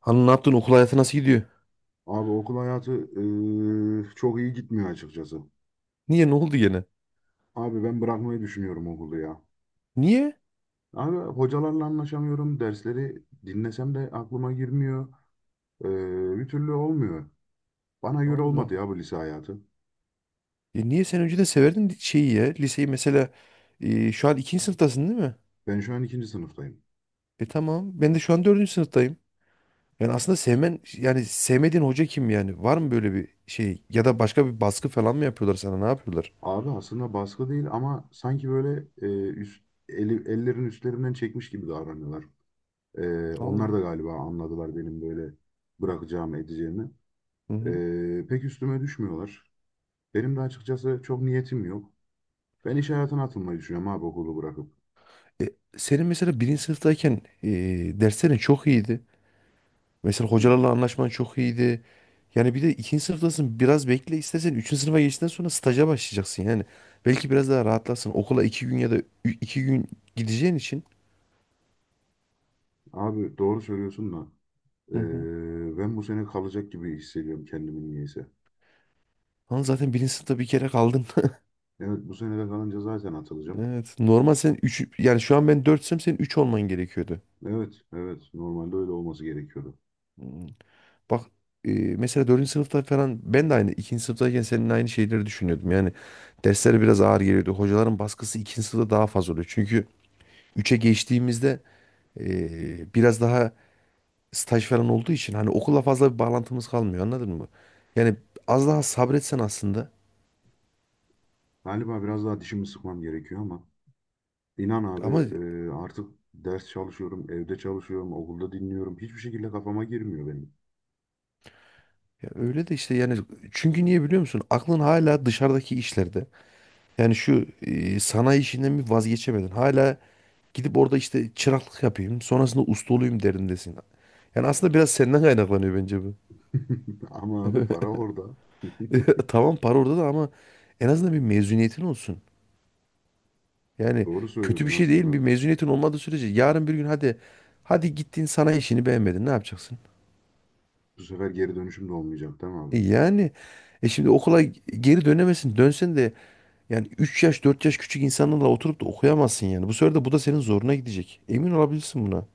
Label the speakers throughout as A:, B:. A: Hani ne yaptın, okul hayatı nasıl gidiyor?
B: Abi okul hayatı çok iyi gitmiyor açıkçası.
A: Niye, ne oldu gene?
B: Abi ben bırakmayı düşünüyorum okulu ya.
A: Niye?
B: Abi hocalarla anlaşamıyorum. Dersleri dinlesem de aklıma girmiyor. Eee, bir türlü olmuyor. Bana göre olmadı
A: Allah.
B: ya bu lise hayatı.
A: Ya niye sen önceden severdin şeyi, ya liseyi mesela, şu an ikinci sınıftasın değil mi?
B: Ben şu an ikinci sınıftayım.
A: Tamam ben de şu an dördüncü sınıftayım. Yani aslında sevmen, yani sevmediğin hoca kim yani? Var mı böyle bir şey, ya da başka bir baskı falan mı yapıyorlar sana, ne yapıyorlar?
B: Abi aslında baskı değil ama sanki böyle ellerin üstlerinden çekmiş gibi davranıyorlar. Onlar
A: Allah.
B: da galiba anladılar benim böyle bırakacağımı edeceğimi.
A: Hı hı.
B: Pek üstüme düşmüyorlar. Benim de açıkçası çok niyetim yok. Ben iş hayatına atılmayı düşünüyorum abi okulu bırakıp.
A: E, senin mesela birinci sınıftayken derslerin çok iyiydi. Mesela
B: Bir,
A: hocalarla anlaşman çok iyiydi. Yani bir de ikinci sınıftasın, biraz bekle, istersen üçüncü sınıfa geçtikten sonra staja başlayacaksın yani. Belki biraz daha rahatlarsın. Okula iki gün ya da iki gün gideceğin için.
B: abi doğru söylüyorsun da
A: Hı hı.
B: ben bu sene kalacak gibi hissediyorum kendimi niyeyse.
A: Ama zaten birinci sınıfta bir kere kaldın.
B: Evet bu sene de kalınca zaten atılacağım.
A: Evet. Normal sen üç, yani şu an ben dörtsem senin üç olman gerekiyordu.
B: Evet, evet, normalde öyle olması gerekiyordu.
A: Hmm. Bak, mesela dördüncü sınıfta falan ben de aynı ikinci sınıftayken senin aynı şeyleri düşünüyordum. Yani dersler biraz ağır geliyordu. Hocaların baskısı ikinci sınıfta daha fazla oluyor. Çünkü üçe geçtiğimizde biraz daha staj falan olduğu için hani okulla fazla bir bağlantımız kalmıyor, anladın mı? Yani az daha sabretsen aslında,
B: Galiba biraz daha dişimi sıkmam gerekiyor ama inan abi
A: ama
B: artık ders çalışıyorum, evde çalışıyorum, okulda dinliyorum. Hiçbir şekilde kafama girmiyor benim.
A: ya öyle de işte, yani çünkü niye biliyor musun? Aklın hala dışarıdaki işlerde. Yani şu sanayi işinden bir vazgeçemedin. Hala gidip orada işte çıraklık yapayım, sonrasında usta olayım derindesin. Yani aslında biraz senden kaynaklanıyor bence bu.
B: Ama abi para orada.
A: Tamam, para orada da ama en azından bir mezuniyetin olsun. Yani
B: Doğru
A: kötü
B: söylüyorsun
A: bir şey
B: aslında,
A: değil, bir mezuniyetin olmadığı sürece yarın bir gün hadi hadi gittin, sanayi işini beğenmedin, ne yapacaksın?
B: bu sefer geri dönüşüm de olmayacak değil mi abi?
A: Yani şimdi okula geri dönemesin. Dönsen de yani 3 yaş 4 yaş küçük insanlarla oturup da okuyamazsın yani. Bu sefer de bu da senin zoruna gidecek. Emin olabilirsin buna.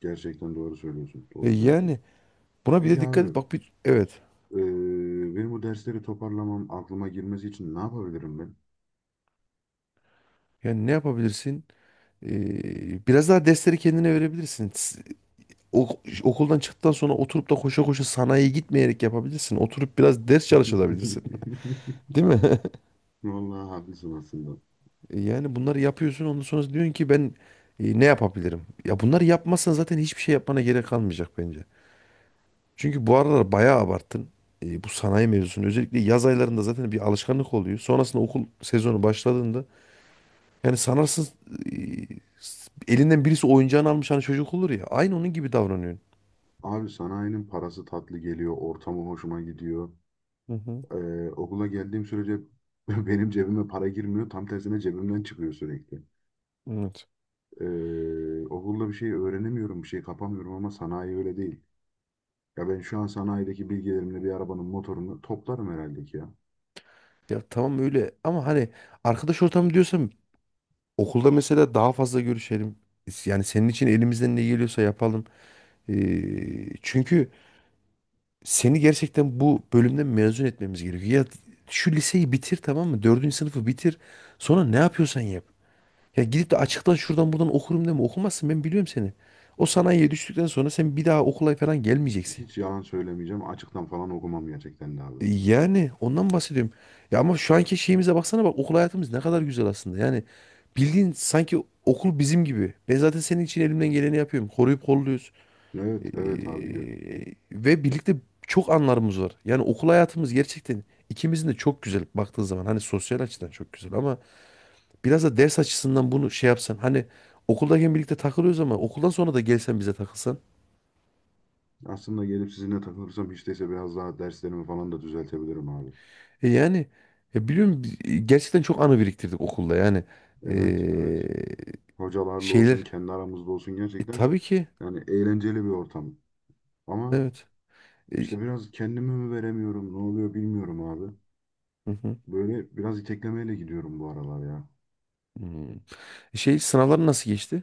B: Gerçekten doğru söylüyorsun.
A: E
B: Doğru söylüyorsun.
A: yani buna bir de
B: Peki
A: dikkat
B: abi,
A: et. Bak, bir evet.
B: benim bu dersleri toparlamam aklıma girmesi için ne yapabilirim ben?
A: Yani ne yapabilirsin? Biraz daha dersleri kendine verebilirsin. Okuldan çıktıktan sonra oturup da koşa koşa sanayiye gitmeyerek yapabilirsin. Oturup biraz ders çalışabilirsin. Değil mi?
B: Vallahi haklısın aslında.
A: Yani bunları yapıyorsun, ondan sonra diyorsun ki ben ne yapabilirim? Ya bunları yapmazsan zaten hiçbir şey yapmana gerek kalmayacak bence. Çünkü bu aralar bayağı abarttın. Bu sanayi mevzusunu. Özellikle yaz aylarında zaten bir alışkanlık oluyor. Sonrasında okul sezonu başladığında yani sanarsın e, elinden birisi oyuncağını almış, hani çocuk olur ya. Aynı onun gibi davranıyorsun.
B: Abi sanayinin parası tatlı geliyor, ortamı hoşuma gidiyor.
A: Hı hı.
B: Okula geldiğim sürece benim cebime para girmiyor, tam tersine cebimden çıkıyor sürekli.
A: Evet.
B: Okulda bir şey öğrenemiyorum, bir şey kapamıyorum ama sanayi öyle değil. Ya ben şu an sanayideki bilgilerimle bir arabanın motorunu toplarım herhalde ki ya.
A: Ya tamam öyle, ama hani arkadaş ortamı diyorsam, okulda mesela daha fazla görüşelim. Yani senin için elimizden ne geliyorsa yapalım. Çünkü seni gerçekten bu bölümden mezun etmemiz gerekiyor. Ya şu liseyi bitir, tamam mı? Dördüncü sınıfı bitir. Sonra ne yapıyorsan yap. Ya gidip de açıktan şuradan buradan okurum deme, okumazsın, ben biliyorum seni. O sanayiye düştükten sonra sen bir daha okula falan gelmeyeceksin.
B: Hiç yalan söylemeyeceğim, açıktan falan okumam gerçekten de abi.
A: Yani ondan bahsediyorum. Ya ama şu anki şeyimize baksana, bak okul hayatımız ne kadar güzel aslında. Yani bildiğin sanki okul bizim gibi. Ben zaten senin için elimden geleni yapıyorum. Koruyup kolluyoruz.
B: Evet,
A: E,
B: evet abi.
A: ve birlikte çok anlarımız var. Yani okul hayatımız gerçekten ikimizin de çok güzel, baktığın zaman. Hani sosyal açıdan çok güzel, ama biraz da ders açısından bunu şey yapsan. Hani okuldayken birlikte takılıyoruz, ama okuldan sonra da gelsen bize takılsan.
B: Aslında gelip sizinle takılırsam hiç değilse biraz daha derslerimi falan da düzeltebilirim abi.
A: Yani ya biliyorum, gerçekten çok anı biriktirdik okulda yani.
B: Evet, evet.
A: Ee,
B: Hocalarla olsun,
A: şeyler.
B: kendi aramızda olsun
A: E
B: gerçekten
A: tabii ki
B: yani eğlenceli bir ortam. Ama
A: evet. E,
B: işte biraz kendimi mi veremiyorum, ne oluyor bilmiyorum abi.
A: hı hı.
B: Böyle biraz iteklemeyle gidiyorum bu aralar ya.
A: Hmm. Sınavların nasıl geçti?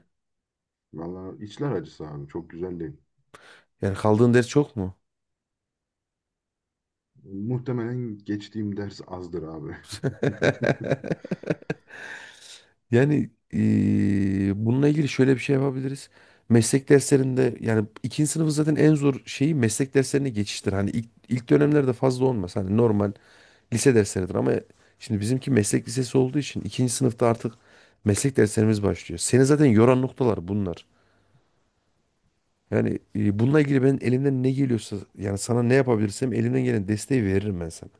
B: Valla içler acısı abi, çok güzel değil.
A: Yani kaldığın ders çok mu?
B: Muhtemelen geçtiğim ders azdır abi.
A: Yani bununla ilgili şöyle bir şey yapabiliriz. Meslek derslerinde yani ikinci sınıfı zaten en zor şeyi meslek derslerine geçiştir. Hani ilk dönemlerde fazla olmaz. Hani normal lise dersleridir, ama şimdi bizimki meslek lisesi olduğu için ikinci sınıfta artık meslek derslerimiz başlıyor. Seni zaten yoran noktalar bunlar. Yani bununla ilgili ben elimden ne geliyorsa, yani sana ne yapabilirsem elimden gelen desteği veririm ben sana.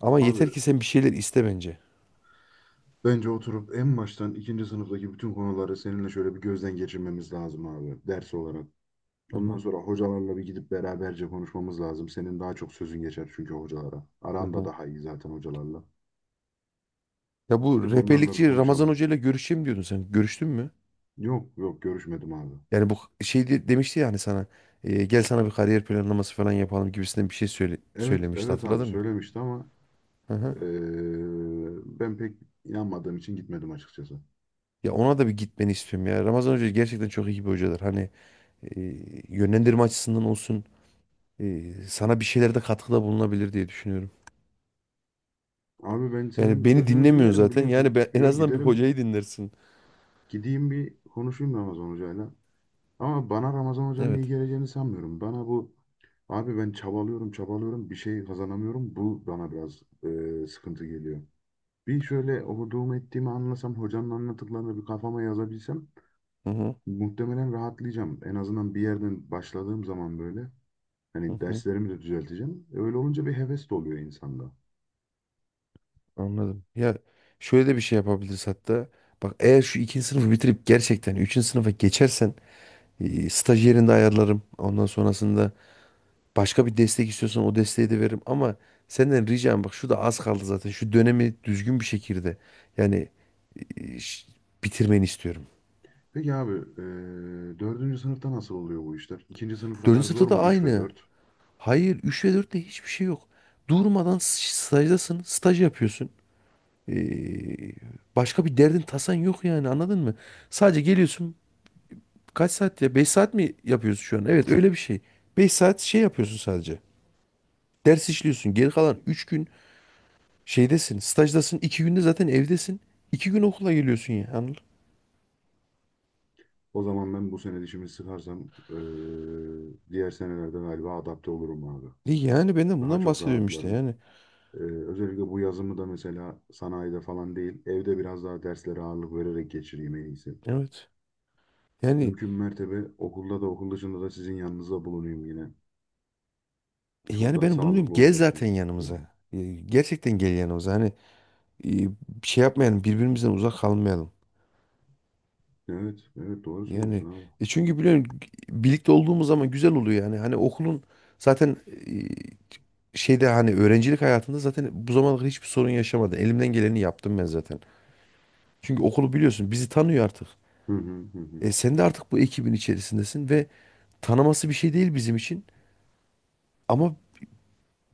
A: Ama yeter
B: Abi
A: ki sen bir şeyler iste bence.
B: bence oturup en baştan ikinci sınıftaki bütün konuları seninle şöyle bir gözden geçirmemiz lazım abi ders olarak.
A: Hı
B: Ondan
A: hı.
B: sonra hocalarla bir gidip beraberce konuşmamız lazım. Senin daha çok sözün geçer çünkü hocalara.
A: Hı
B: Aran da
A: hı.
B: daha iyi zaten hocalarla.
A: Ya bu
B: Gidip onlarla bir
A: rehberlikçi Ramazan
B: konuşalım.
A: Hoca ile görüşeyim diyordun sen. Görüştün mü?
B: Yok yok görüşmedim abi.
A: Yani bu şey demişti yani sana, gel sana bir kariyer planlaması falan yapalım gibisinden bir şey
B: Evet
A: söylemişti,
B: evet abi
A: hatırladın mı?
B: söylemişti ama
A: Hı hı.
B: eee, ben pek inanmadığım için gitmedim açıkçası.
A: Ya ona da bir gitmeni istiyorum ya. Ramazan Hoca gerçekten çok iyi bir hocadır. Hani e, yönlendirme açısından olsun, sana bir şeylerde katkıda bulunabilir diye düşünüyorum.
B: Abi ben senin
A: Yani beni
B: sözünü
A: dinlemiyor
B: dinlerim
A: zaten. Yani
B: biliyorsun.
A: en
B: Yo
A: azından bir
B: giderim.
A: hocayı dinlersin.
B: Gideyim bir konuşayım Ramazan hocayla. Ama bana Ramazan Hoca'nın iyi
A: Evet.
B: geleceğini sanmıyorum. Bana bu abi ben çabalıyorum çabalıyorum bir şey kazanamıyorum. Bu bana biraz e, sıkıntı geliyor. Bir şöyle okuduğumu ettiğimi anlasam hocanın anlattıklarını bir kafama yazabilsem
A: Hı hı.
B: muhtemelen rahatlayacağım. En azından bir yerden başladığım zaman böyle
A: Hı
B: hani
A: hı.
B: derslerimi de düzelteceğim. Öyle olunca bir heves de oluyor insanda.
A: Anladım. Ya şöyle de bir şey yapabiliriz hatta. Bak, eğer şu ikinci sınıfı bitirip gerçekten üçüncü sınıfa geçersen staj yerinde ayarlarım. Ondan sonrasında başka bir destek istiyorsan o desteği de veririm. Ama senden ricam, bak şu da az kaldı zaten. Şu dönemi düzgün bir şekilde, yani e, ş- bitirmeni istiyorum.
B: Peki abi e, dördüncü sınıfta nasıl oluyor bu işler? İkinci sınıf kadar
A: Dördüncü
B: zor
A: sınıfta da
B: mu? Üç ve
A: aynı.
B: dört?
A: Hayır, 3 ve dörtte hiçbir şey yok. Durmadan stajdasın. Staj yapıyorsun. E, başka bir derdin tasan yok yani, anladın mı? Sadece geliyorsun. Kaç saat ya? 5 saat mi yapıyorsun şu an? Evet, öyle bir şey. 5 saat şey yapıyorsun sadece. Ders işliyorsun. Geri kalan 3 gün şeydesin. Stajdasın. İki günde zaten evdesin. 2 gün okula geliyorsun ya. Anladın?
B: O zaman ben bu sene dişimi sıkarsam e, diğer senelerde galiba adapte olurum abi.
A: Yani ben de
B: Daha
A: bundan
B: çok
A: bahsediyorum işte
B: rahatlarım.
A: yani.
B: E, özellikle bu yazımı da mesela sanayide falan değil, evde biraz daha derslere ağırlık vererek geçireyim en iyisi.
A: Evet. Yani
B: Mümkün mertebe okulda da okul dışında da sizin yanınızda bulunayım yine. Çok daha
A: ben bunu diyorum.
B: sağlıklı
A: Gel
B: olacak gibi
A: zaten
B: düşünüyorum.
A: yanımıza. Gerçekten gel yanımıza. Hani e, şey yapmayalım. Birbirimizden uzak kalmayalım.
B: Evet, evet doğru
A: Yani
B: söylüyorsun abi.
A: çünkü biliyorum, birlikte olduğumuz zaman güzel oluyor yani. Hani okulun zaten şeyde, hani öğrencilik hayatında zaten bu zamana kadar hiçbir sorun yaşamadım. Elimden geleni yaptım ben zaten. Çünkü okulu biliyorsun, bizi tanıyor artık.
B: Hı hı hı hı.
A: Sen de artık bu ekibin içerisindesin ve tanıması bir şey değil bizim için. Ama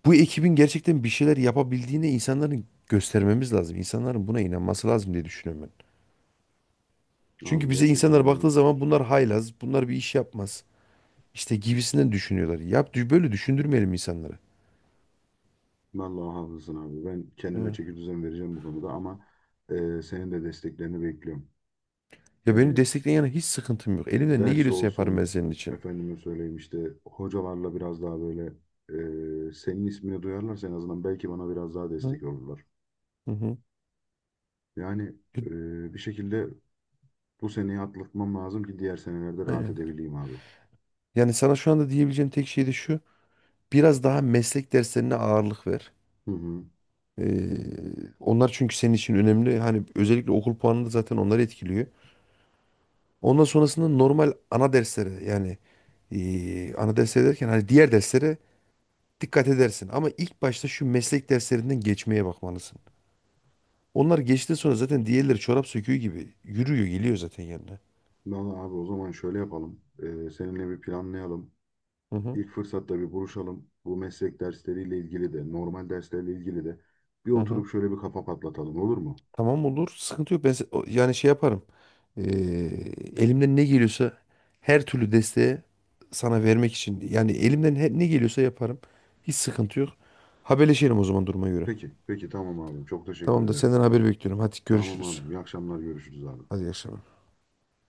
A: bu ekibin gerçekten bir şeyler yapabildiğini insanların göstermemiz lazım. İnsanların buna inanması lazım diye düşünüyorum ben.
B: Abi
A: Çünkü bize
B: gerçekten
A: insanlar
B: doğru
A: baktığı zaman
B: söylüyorsun.
A: bunlar haylaz, bunlar bir iş yapmaz, İşte gibisinden düşünüyorlar. Yap, böyle düşündürmeyelim insanları.
B: Vallahi haklısın abi. Ben kendime
A: Hı.
B: çeki düzen vereceğim bu konuda ama e, senin de desteklerini bekliyorum.
A: Ya beni
B: Yani
A: destekleyen yana hiç sıkıntım yok. Elimden ne
B: ders
A: geliyorsa yaparım ben
B: olsun
A: senin için.
B: efendime söyleyeyim işte hocalarla biraz daha böyle e, senin ismini duyarlarsa en azından belki bana biraz daha
A: Hı
B: destek olurlar.
A: hı. Hı.
B: Yani
A: E,
B: e, bir şekilde bu seneyi atlatmam lazım ki diğer senelerde rahat
A: Aynen.
B: edebileyim abi.
A: Yani sana şu anda diyebileceğim tek şey de şu. Biraz daha meslek derslerine ağırlık ver.
B: Hı hı.
A: Ee, onlar çünkü senin için önemli. Hani özellikle okul puanını da zaten onları etkiliyor. Ondan sonrasında normal ana derslere, yani ana dersler derken hani diğer derslere dikkat edersin. Ama ilk başta şu meslek derslerinden geçmeye bakmalısın. Onlar geçti, sonra zaten diğerleri çorap söküğü gibi yürüyor, geliyor zaten yanına.
B: Vallahi abi o zaman şöyle yapalım. E, seninle bir planlayalım.
A: Hı hı.
B: İlk fırsatta bir buluşalım. Bu meslek dersleriyle ilgili de normal derslerle ilgili de bir
A: Hı hı.
B: oturup şöyle bir kafa patlatalım olur mu?
A: Tamam, olur. Sıkıntı yok. Ben yani şey yaparım. Ee, elimden ne geliyorsa, her türlü desteği sana vermek için. Yani elimden ne geliyorsa yaparım. Hiç sıkıntı yok. Haberleşelim o zaman duruma göre.
B: Peki, peki tamam abi. Çok teşekkür
A: Tamam da
B: ederim.
A: senden haber bekliyorum. Hadi
B: Tamam
A: görüşürüz.
B: abi. İyi akşamlar görüşürüz abi.
A: Hadi iyi akşamlar.